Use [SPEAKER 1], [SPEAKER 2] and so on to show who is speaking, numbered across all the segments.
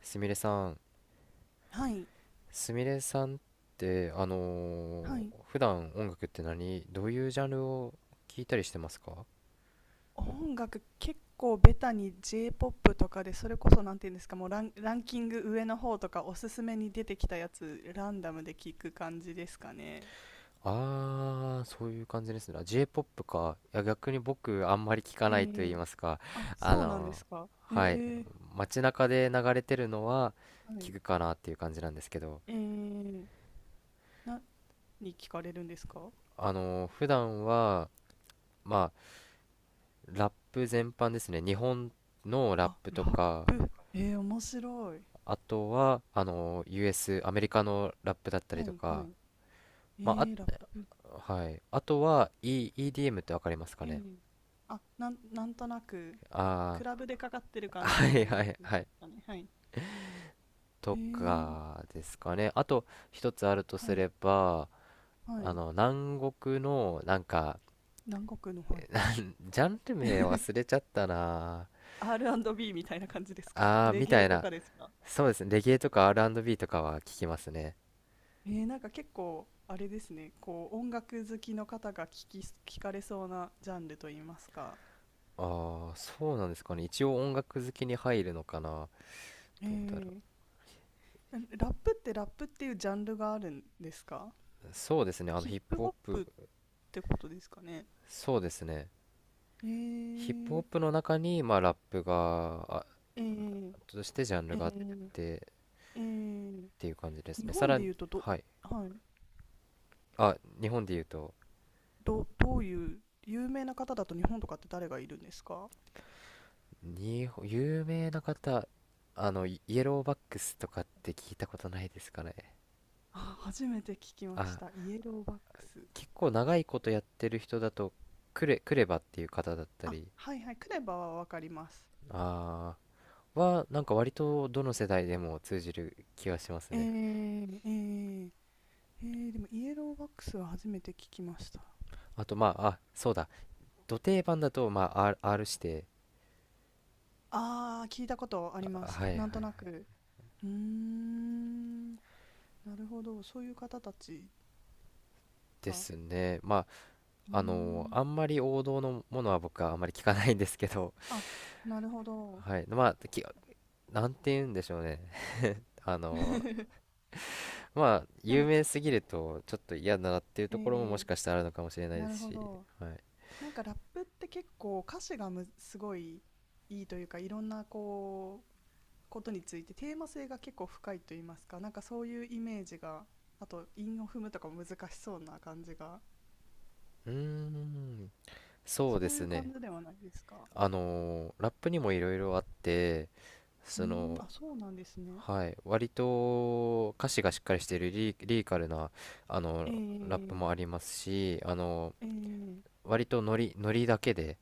[SPEAKER 1] すみれさん、
[SPEAKER 2] はい、
[SPEAKER 1] すみれさんって
[SPEAKER 2] はい。
[SPEAKER 1] 普段音楽ってどういうジャンルを聞いたりしてますか？
[SPEAKER 2] 音楽結構ベタに J-POP とかで、それこそなんていうんですか、もうランキング上の方とかおすすめに出てきたやつランダムで聞く感じですかね。
[SPEAKER 1] ああー、そういう感じですね。あ J-POP か。いや、逆に僕あんまり聞か
[SPEAKER 2] え
[SPEAKER 1] ないと言い
[SPEAKER 2] え。
[SPEAKER 1] ますか。
[SPEAKER 2] あ、
[SPEAKER 1] あ
[SPEAKER 2] そうなんで
[SPEAKER 1] の
[SPEAKER 2] すか。
[SPEAKER 1] はい。
[SPEAKER 2] ええ、
[SPEAKER 1] 街中で流れてるのは
[SPEAKER 2] は
[SPEAKER 1] 聞
[SPEAKER 2] い。
[SPEAKER 1] くかなっていう感じなんですけど、
[SPEAKER 2] ええ、何聞かれるんですか？
[SPEAKER 1] 普段は、まあ、ラップ全般ですね。日本のラッ
[SPEAKER 2] あ、
[SPEAKER 1] プ
[SPEAKER 2] ラ
[SPEAKER 1] と
[SPEAKER 2] ッ
[SPEAKER 1] か、
[SPEAKER 2] プ。ええ、面白い。
[SPEAKER 1] あとは、US、アメリカのラップだったり
[SPEAKER 2] は
[SPEAKER 1] と
[SPEAKER 2] いは
[SPEAKER 1] か、
[SPEAKER 2] い。
[SPEAKER 1] まあ、
[SPEAKER 2] ええ、ラップ。
[SPEAKER 1] あ、はい。あとは、EDM ってわかりますか
[SPEAKER 2] え
[SPEAKER 1] ね？
[SPEAKER 2] え。あ、なんとなくク
[SPEAKER 1] あ
[SPEAKER 2] ラブでかかってる
[SPEAKER 1] あー、
[SPEAKER 2] 感じ
[SPEAKER 1] は
[SPEAKER 2] の
[SPEAKER 1] い
[SPEAKER 2] 音
[SPEAKER 1] は
[SPEAKER 2] 楽
[SPEAKER 1] いは
[SPEAKER 2] で
[SPEAKER 1] い。
[SPEAKER 2] すかね。はい。
[SPEAKER 1] と
[SPEAKER 2] ええ、
[SPEAKER 1] かですかね。あと、一つあるとす
[SPEAKER 2] はい
[SPEAKER 1] れば、
[SPEAKER 2] はい。
[SPEAKER 1] 南国の、なんか、
[SPEAKER 2] 南国の、はい。
[SPEAKER 1] ジャンル名忘れ ちゃったな。
[SPEAKER 2] R&B みたいな感じですか？
[SPEAKER 1] ああー、
[SPEAKER 2] レ
[SPEAKER 1] み
[SPEAKER 2] ゲ
[SPEAKER 1] た
[SPEAKER 2] エ
[SPEAKER 1] い
[SPEAKER 2] と
[SPEAKER 1] な。
[SPEAKER 2] かですか？
[SPEAKER 1] そうですね。レゲエとか R&B とかは聞きますね。
[SPEAKER 2] なんか結構、あれですね、こう、音楽好きの方が聞かれそうなジャンルといいますか。
[SPEAKER 1] ああ、そうなんですかね。一応音楽好きに入るのかな。
[SPEAKER 2] え
[SPEAKER 1] どうだろ。
[SPEAKER 2] ー、ラップって、ラップっていうジャンルがあるんですか？
[SPEAKER 1] う。そうですね。
[SPEAKER 2] ヒッ
[SPEAKER 1] ヒップ
[SPEAKER 2] プ
[SPEAKER 1] ホッ
[SPEAKER 2] ホップ
[SPEAKER 1] プ。
[SPEAKER 2] ってことですかね？
[SPEAKER 1] そうですね。
[SPEAKER 2] え
[SPEAKER 1] ヒップホッ
[SPEAKER 2] ー、
[SPEAKER 1] プの中に、まあ、ラップが、
[SPEAKER 2] えー、
[SPEAKER 1] としてジャン
[SPEAKER 2] え
[SPEAKER 1] ルがあっ
[SPEAKER 2] ー、
[SPEAKER 1] てっ
[SPEAKER 2] えー、
[SPEAKER 1] ていう感じです
[SPEAKER 2] 日
[SPEAKER 1] ね。さ
[SPEAKER 2] 本
[SPEAKER 1] ら
[SPEAKER 2] で
[SPEAKER 1] に、
[SPEAKER 2] 言うと
[SPEAKER 1] はい。
[SPEAKER 2] はい、
[SPEAKER 1] あ、日本で言うと、
[SPEAKER 2] どういう、有名な方だと日本とかって誰がいるんですか？
[SPEAKER 1] 有名な方、イイエローバックスとかって聞いたことないですかね？
[SPEAKER 2] あ、初めて聞きまし
[SPEAKER 1] あ、
[SPEAKER 2] た。イエローバックス。
[SPEAKER 1] 結構長いことやってる人だと、クレバっていう方だった
[SPEAKER 2] あ、
[SPEAKER 1] り、
[SPEAKER 2] はいはい、クレバはわかります。
[SPEAKER 1] あなんか割とどの世代でも通じる気がします
[SPEAKER 2] え
[SPEAKER 1] ね。
[SPEAKER 2] ー、えー、でもイエローバックスは初めて聞きました。
[SPEAKER 1] あと、まあ、そうだ。ド定番だと、まあ、R して、
[SPEAKER 2] あー、聞いたことありま
[SPEAKER 1] あ
[SPEAKER 2] す。
[SPEAKER 1] はいは
[SPEAKER 2] なんとな
[SPEAKER 1] い。
[SPEAKER 2] く。うーん、なるほど。そういう方たち
[SPEAKER 1] で
[SPEAKER 2] が。う
[SPEAKER 1] すね。ま
[SPEAKER 2] ー
[SPEAKER 1] あ、
[SPEAKER 2] ん、
[SPEAKER 1] あんまり王道のものは僕はあんまり聞かないんですけど、
[SPEAKER 2] あ、なるほど。
[SPEAKER 1] はい。まあ、なんて言うんでしょうね。あの まあ、
[SPEAKER 2] で
[SPEAKER 1] 有
[SPEAKER 2] も、
[SPEAKER 1] 名すぎるとちょっと嫌だなっていうところももし
[SPEAKER 2] え
[SPEAKER 1] かしたらあるのかもしれないで
[SPEAKER 2] なる
[SPEAKER 1] す
[SPEAKER 2] ほ
[SPEAKER 1] し、
[SPEAKER 2] ど。
[SPEAKER 1] はい。
[SPEAKER 2] なんかラップって結構歌詞がすごいいいというか、いろんなこことについてテーマ性が結構深いと言いますか、なんかそういうイメージが、あと韻を踏むとかも難しそうな感じが、
[SPEAKER 1] うーん、そうで
[SPEAKER 2] そうい
[SPEAKER 1] す
[SPEAKER 2] う
[SPEAKER 1] ね。
[SPEAKER 2] 感じではないですか？
[SPEAKER 1] あのラップにもいろいろあって、
[SPEAKER 2] うー
[SPEAKER 1] そ
[SPEAKER 2] ん、
[SPEAKER 1] の、
[SPEAKER 2] あ、そうなんですね。
[SPEAKER 1] はい、割と歌詞がしっかりしているリリリカルな、あ
[SPEAKER 2] え
[SPEAKER 1] のラップ
[SPEAKER 2] ー、
[SPEAKER 1] もありますし、
[SPEAKER 2] えー、
[SPEAKER 1] 割とノリだけで、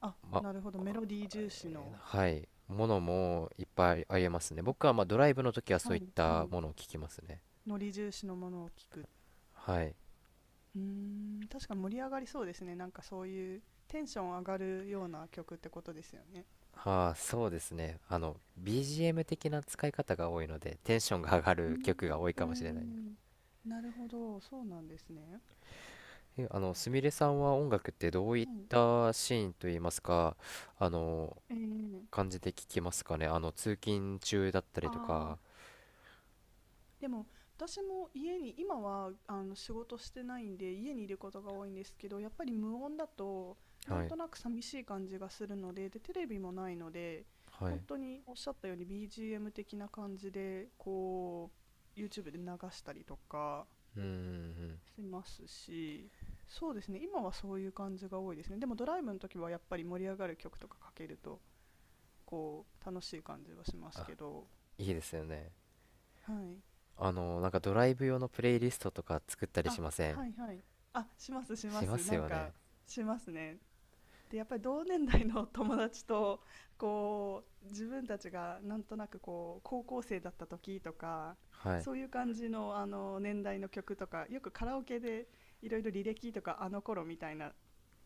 [SPEAKER 2] あ、なるほど、メロディー重視の。
[SPEAKER 1] はい。ものもいっぱいありえますね。僕
[SPEAKER 2] あ、
[SPEAKER 1] はまあドライブの時はそう
[SPEAKER 2] は
[SPEAKER 1] いっ
[SPEAKER 2] いは
[SPEAKER 1] た
[SPEAKER 2] い、
[SPEAKER 1] ものを聞きますね。
[SPEAKER 2] ノリ重視のものを聞く。
[SPEAKER 1] はい。
[SPEAKER 2] うーん、確かに盛り上がりそうですね。なんかそういうテンション上がるような曲ってことですよね？
[SPEAKER 1] ああ、そうですね。BGM 的な使い方が多いので、テンションが上が
[SPEAKER 2] うーん、
[SPEAKER 1] る曲が多い
[SPEAKER 2] え
[SPEAKER 1] かもしれない。
[SPEAKER 2] ーなるほど、そうなんですね。
[SPEAKER 1] え、あの、すみれさんは音楽ってどういっ
[SPEAKER 2] はい。
[SPEAKER 1] たシーンといいますか、あの、
[SPEAKER 2] えー
[SPEAKER 1] 感じで聞きますかね？通勤中だったり
[SPEAKER 2] あ
[SPEAKER 1] と
[SPEAKER 2] あ、
[SPEAKER 1] か。
[SPEAKER 2] でも私も家に今はあの仕事してないんで家にいることが多いんですけど、やっぱり無音だとな
[SPEAKER 1] は
[SPEAKER 2] ん
[SPEAKER 1] い。
[SPEAKER 2] となく寂しい感じがするので、でテレビもないので
[SPEAKER 1] は
[SPEAKER 2] 本
[SPEAKER 1] い。
[SPEAKER 2] 当におっしゃったように BGM 的な感じでこう YouTube で流したりとか
[SPEAKER 1] うんうんうん。
[SPEAKER 2] しますし、そうですね、今はそういう感じが多いですね。でもドライブの時はやっぱり盛り上がる曲とかかけるとこう楽しい感じはします
[SPEAKER 1] あ、
[SPEAKER 2] けど。
[SPEAKER 1] いいですよね。
[SPEAKER 2] はい。
[SPEAKER 1] なんかドライブ用のプレイリストとか作ったりし
[SPEAKER 2] あ、
[SPEAKER 1] ません？
[SPEAKER 2] はいはい。あ、します、しま
[SPEAKER 1] しま
[SPEAKER 2] す。
[SPEAKER 1] す
[SPEAKER 2] なん
[SPEAKER 1] よね。
[SPEAKER 2] か、しますね。で、やっぱり同年代の 友達と、こう、自分たちがなんとなくこう、高校生だった時とか、
[SPEAKER 1] はい。
[SPEAKER 2] そういう感じの、あの、年代の曲とか、よくカラオケでいろいろ履歴とか、あの頃みたいな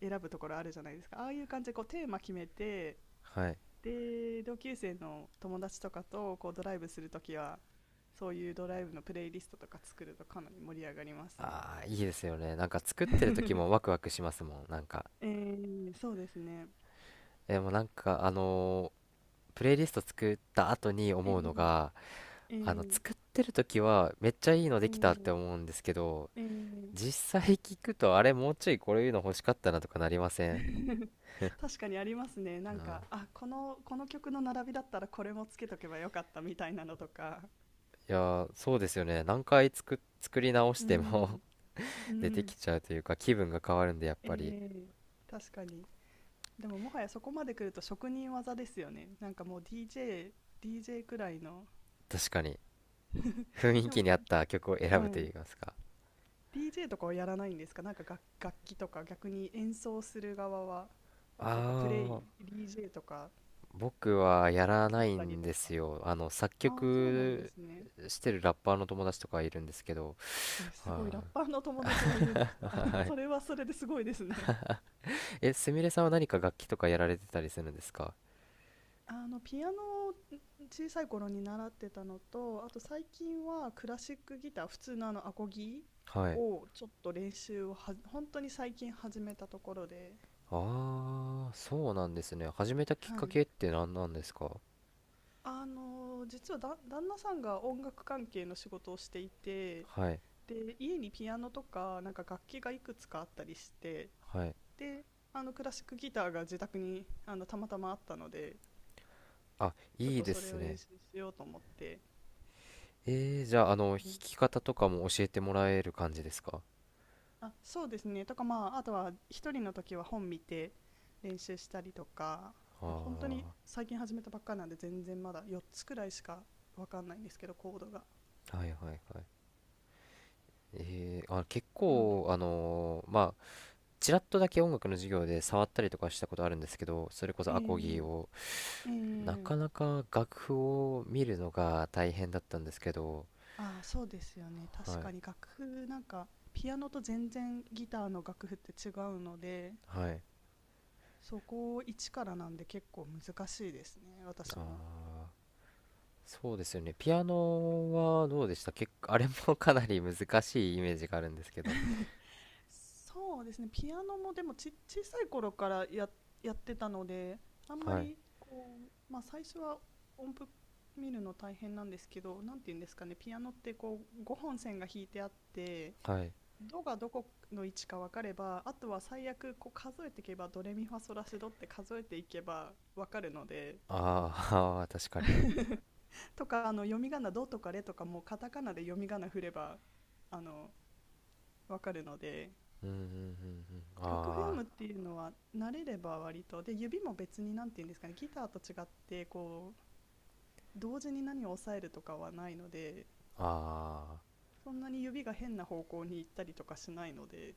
[SPEAKER 2] 選ぶところあるじゃないですか。ああいう感じでこう、テーマ決めて、
[SPEAKER 1] はい。
[SPEAKER 2] で、同級生の友達とかと、こう、ドライブするときは、そういうドライブのプレイリストとか作るとかなり盛り上がりますね。
[SPEAKER 1] ああ、いいですよね。なんか作ってる時もワクワクしますもん。なんか。
[SPEAKER 2] そうですね。
[SPEAKER 1] でもなんか、プレイリスト作った後に
[SPEAKER 2] え
[SPEAKER 1] 思うの
[SPEAKER 2] ー、
[SPEAKER 1] が、
[SPEAKER 2] えー、
[SPEAKER 1] 作ってる時はめっちゃいいので
[SPEAKER 2] え
[SPEAKER 1] きたって
[SPEAKER 2] ー、
[SPEAKER 1] 思うんですけど、
[SPEAKER 2] えー
[SPEAKER 1] 実際聞くとあれもうちょいこういうの欲しかったなとかなりません？
[SPEAKER 2] 確かにありますね。な
[SPEAKER 1] う
[SPEAKER 2] ん
[SPEAKER 1] ん。
[SPEAKER 2] か、あ、この曲の並びだったらこれもつけとけばよかったみたいなのとか。
[SPEAKER 1] いやー、そうですよね。何回作、作り直し
[SPEAKER 2] う
[SPEAKER 1] て
[SPEAKER 2] ん、
[SPEAKER 1] も
[SPEAKER 2] う
[SPEAKER 1] 出て
[SPEAKER 2] ん、
[SPEAKER 1] きちゃうというか、気分が変わるんで、やっ
[SPEAKER 2] え
[SPEAKER 1] ぱり。
[SPEAKER 2] ー、確かに。でももはやそこまで来ると職人技ですよね。なんかもう DJ くらいの。
[SPEAKER 1] 確かに。雰囲
[SPEAKER 2] でも、
[SPEAKER 1] 気に合った曲を選ぶ
[SPEAKER 2] は
[SPEAKER 1] と言
[SPEAKER 2] い。
[SPEAKER 1] いますか。
[SPEAKER 2] DJ とかはやらないんですか？なんか楽器とか逆に演奏する側は、とかプレ
[SPEAKER 1] あ
[SPEAKER 2] イ、
[SPEAKER 1] あ。
[SPEAKER 2] DJ とか
[SPEAKER 1] 僕はやら
[SPEAKER 2] 作
[SPEAKER 1] な
[SPEAKER 2] っ
[SPEAKER 1] い
[SPEAKER 2] たり
[SPEAKER 1] ん
[SPEAKER 2] と
[SPEAKER 1] です
[SPEAKER 2] か。
[SPEAKER 1] よ。作
[SPEAKER 2] ああ、そうなんで
[SPEAKER 1] 曲
[SPEAKER 2] すね。
[SPEAKER 1] してるラッパーの友達とかいるんですけど、
[SPEAKER 2] え、すご
[SPEAKER 1] は
[SPEAKER 2] い、ラッパーの友達がいるんです
[SPEAKER 1] い。
[SPEAKER 2] か？
[SPEAKER 1] は
[SPEAKER 2] それ
[SPEAKER 1] い。
[SPEAKER 2] はそれですごいですね。
[SPEAKER 1] すみれさんは何か楽器とかやられてたりするんですか？
[SPEAKER 2] あの、ピアノを小さい頃に習ってたのと、あと最近はクラシックギター、普通のあのアコギ
[SPEAKER 1] はい。
[SPEAKER 2] をちょっと練習をは、本当に最近始めたところで、
[SPEAKER 1] ああ、そうなんですね。始めたきっ
[SPEAKER 2] は
[SPEAKER 1] か
[SPEAKER 2] い。
[SPEAKER 1] けって何なんですか？
[SPEAKER 2] あの、実はだ、旦那さんが音楽関係の仕事をしていて、
[SPEAKER 1] はい。
[SPEAKER 2] で、家にピアノとか、なんか楽器がいくつかあったりして、
[SPEAKER 1] はい。
[SPEAKER 2] であのクラシックギターが自宅にあのたまたまあったので、
[SPEAKER 1] あ、
[SPEAKER 2] ちょっ
[SPEAKER 1] いい
[SPEAKER 2] と
[SPEAKER 1] で
[SPEAKER 2] それ
[SPEAKER 1] す
[SPEAKER 2] を練
[SPEAKER 1] ね。
[SPEAKER 2] 習しようと思って。
[SPEAKER 1] じゃあ、弾き
[SPEAKER 2] で、
[SPEAKER 1] 方とかも教えてもらえる感じですか？
[SPEAKER 2] あ、そうですねとか、まあ、あとは一人の時は本見て練習したりとか。もう本当に
[SPEAKER 1] あ
[SPEAKER 2] 最近始めたばっかなんで全然まだ4つくらいしかわかんないんですけど、コードが。
[SPEAKER 1] あー、はいはいはい。結
[SPEAKER 2] うん、
[SPEAKER 1] 構、ちらっとだけ音楽の授業で触ったりとかしたことあるんですけど、それこそアコギ
[SPEAKER 2] え
[SPEAKER 1] を、
[SPEAKER 2] え、
[SPEAKER 1] な
[SPEAKER 2] ええ。
[SPEAKER 1] かなか楽譜を見るのが大変だったんですけど、
[SPEAKER 2] ああ、そうですよね。確
[SPEAKER 1] はい、
[SPEAKER 2] かに楽譜なんかピアノと全然ギターの楽譜って違うので、
[SPEAKER 1] はい、
[SPEAKER 2] そこを一からなんで結構難しいですね、
[SPEAKER 1] あ
[SPEAKER 2] 私
[SPEAKER 1] ー、
[SPEAKER 2] も。
[SPEAKER 1] そうですよね。ピアノはどうでした？結構、あれもかなり難しいイメージがあるんですけど、
[SPEAKER 2] そうですね、ピアノもでも小さい頃からやってたので、あんま
[SPEAKER 1] はい、
[SPEAKER 2] りこう、まあ、最初は音符見るの大変なんですけど、なんて言うんですかね、ピアノってこう5本線が引いてあって、
[SPEAKER 1] はい、
[SPEAKER 2] ドがどこの位置か分かればあとは最悪こう数えていけば、ドレミファソラシドって数えていけば分かるので、
[SPEAKER 1] あー 確かに。
[SPEAKER 2] とかあの読み仮名「ド」とか「レ」とかもカタカナで読み仮名振ればあのわかるので、
[SPEAKER 1] うん、うん、うん、うん、
[SPEAKER 2] 楽譜読
[SPEAKER 1] あ
[SPEAKER 2] むっていうのは慣れれば割と、で指も別に何て言うんですかね、ギターと違ってこう同時に何を押さえるとかはないので、
[SPEAKER 1] ー、あ
[SPEAKER 2] そんなに指が変な方向に行ったりとかしないので、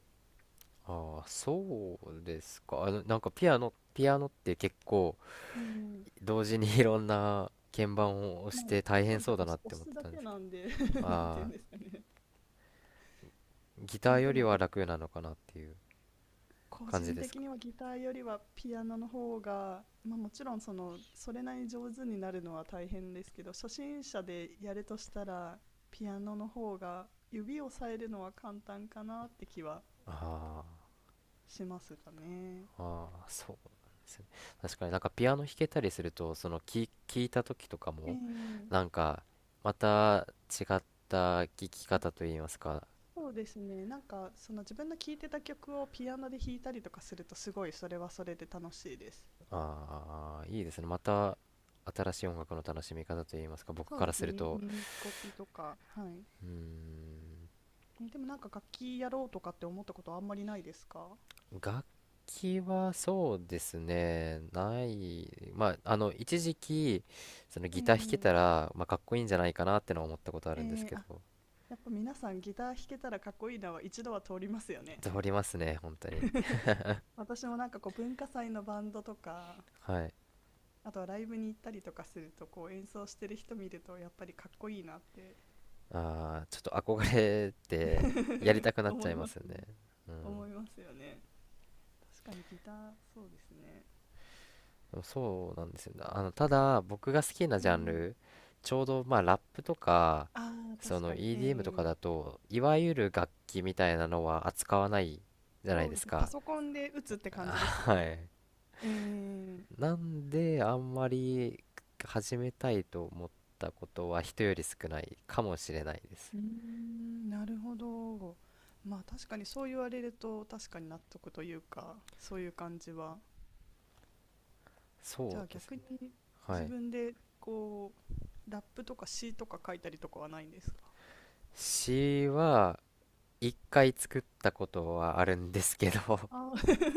[SPEAKER 1] ー、あー、そうですか。なんかピアノって結構、
[SPEAKER 2] えー
[SPEAKER 1] 同時にいろんな鍵盤を押し
[SPEAKER 2] まあ
[SPEAKER 1] て大
[SPEAKER 2] そ
[SPEAKER 1] 変
[SPEAKER 2] うです
[SPEAKER 1] そ
[SPEAKER 2] ね、
[SPEAKER 1] うだ
[SPEAKER 2] 押
[SPEAKER 1] なっ
[SPEAKER 2] す
[SPEAKER 1] て
[SPEAKER 2] 押
[SPEAKER 1] 思っ
[SPEAKER 2] す
[SPEAKER 1] て
[SPEAKER 2] だ
[SPEAKER 1] たんで
[SPEAKER 2] け
[SPEAKER 1] すけ
[SPEAKER 2] なんで
[SPEAKER 1] ど。
[SPEAKER 2] なんて言う
[SPEAKER 1] あ
[SPEAKER 2] ん
[SPEAKER 1] あ、
[SPEAKER 2] ですかね、
[SPEAKER 1] ギターよ
[SPEAKER 2] で
[SPEAKER 1] り
[SPEAKER 2] も
[SPEAKER 1] は楽なのかなっていう
[SPEAKER 2] 個
[SPEAKER 1] 感じ
[SPEAKER 2] 人
[SPEAKER 1] です
[SPEAKER 2] 的
[SPEAKER 1] か？
[SPEAKER 2] にはギターよりはピアノの方が、まあ、もちろんそのそれなりに上手になるのは大変ですけど、初心者でやるとしたらピアノの方が指をさえるのは簡単かなって気は
[SPEAKER 1] あ
[SPEAKER 2] しますかね。
[SPEAKER 1] あ、ああ、そうなんですね。確かになんかピアノ弾けたりすると、その聞いた時とか
[SPEAKER 2] え
[SPEAKER 1] も、なん
[SPEAKER 2] え。
[SPEAKER 1] かまた違った聞き
[SPEAKER 2] あ、
[SPEAKER 1] 方といいますか、
[SPEAKER 2] そうですね。なんかその自分の聴いてた曲をピアノで弾いたりとかするとすごい、それはそれで楽しいです。
[SPEAKER 1] ああ、いいですね。また新しい音楽の楽しみ方といいますか、僕
[SPEAKER 2] そう
[SPEAKER 1] か
[SPEAKER 2] で
[SPEAKER 1] ら
[SPEAKER 2] す
[SPEAKER 1] する
[SPEAKER 2] ね。
[SPEAKER 1] と、
[SPEAKER 2] 耳コピとか。はい。
[SPEAKER 1] うーん。
[SPEAKER 2] え、でもなんか楽器やろうとかって思ったことあんまりないですか？
[SPEAKER 1] 楽器はそうですね、ない、まあ、一時期、そのギター弾けた
[SPEAKER 2] ええ。
[SPEAKER 1] ら、まあ、かっこいいんじゃないかなってのは思ったことあるんですけど、
[SPEAKER 2] あ、やっぱ皆さんギター弾けたらかっこいいなは一度は通りますよね。
[SPEAKER 1] 通りますね、本当に。
[SPEAKER 2] 私もなんかこう文化祭のバンドとか、
[SPEAKER 1] はい。
[SPEAKER 2] あとはライブに行ったりとかするとこう演奏してる人見るとやっぱりかっこいいなって
[SPEAKER 1] ああ、ちょっと憧れて、やりたく なっち
[SPEAKER 2] 思
[SPEAKER 1] ゃ
[SPEAKER 2] い
[SPEAKER 1] いま
[SPEAKER 2] ま
[SPEAKER 1] す
[SPEAKER 2] す
[SPEAKER 1] よね。
[SPEAKER 2] ね。
[SPEAKER 1] うん。
[SPEAKER 2] 思いますよね。確かにギター、そうですね。
[SPEAKER 1] でもそうなんですよね。ただ、僕が好きな
[SPEAKER 2] う
[SPEAKER 1] ジ
[SPEAKER 2] ん、う
[SPEAKER 1] ャン
[SPEAKER 2] ん。
[SPEAKER 1] ル、ちょうど、まあ、ラップとか、
[SPEAKER 2] ああ、
[SPEAKER 1] そ
[SPEAKER 2] 確
[SPEAKER 1] の
[SPEAKER 2] かに。
[SPEAKER 1] EDM とかだ
[SPEAKER 2] ー、
[SPEAKER 1] と、いわゆる楽器みたいなのは扱わないじゃない
[SPEAKER 2] そう
[SPEAKER 1] で
[SPEAKER 2] で
[SPEAKER 1] す
[SPEAKER 2] すね。パ
[SPEAKER 1] か。
[SPEAKER 2] ソコンで打つって 感じですよ
[SPEAKER 1] は
[SPEAKER 2] ね。
[SPEAKER 1] い。
[SPEAKER 2] ええ。
[SPEAKER 1] なんであんまり始めたいと思ったことは人より少ないかもしれないです。
[SPEAKER 2] うーん、なるほど。まあ確かにそう言われると確かに納得というか、そういう感じは。じゃ
[SPEAKER 1] そ
[SPEAKER 2] あ
[SPEAKER 1] うですね。
[SPEAKER 2] 逆に
[SPEAKER 1] は
[SPEAKER 2] 自
[SPEAKER 1] い。
[SPEAKER 2] 分でこう、ラップとか詩とか書いたりとかはないんですか？
[SPEAKER 1] 詩は一回作ったことはあるんですけど
[SPEAKER 2] ああー、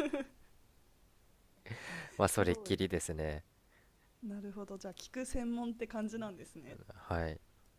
[SPEAKER 1] まあ そ
[SPEAKER 2] す
[SPEAKER 1] れっ
[SPEAKER 2] ご
[SPEAKER 1] き
[SPEAKER 2] い。
[SPEAKER 1] りですね。
[SPEAKER 2] なるほど。じゃあ聞く専門って感じなんですね。
[SPEAKER 1] はい。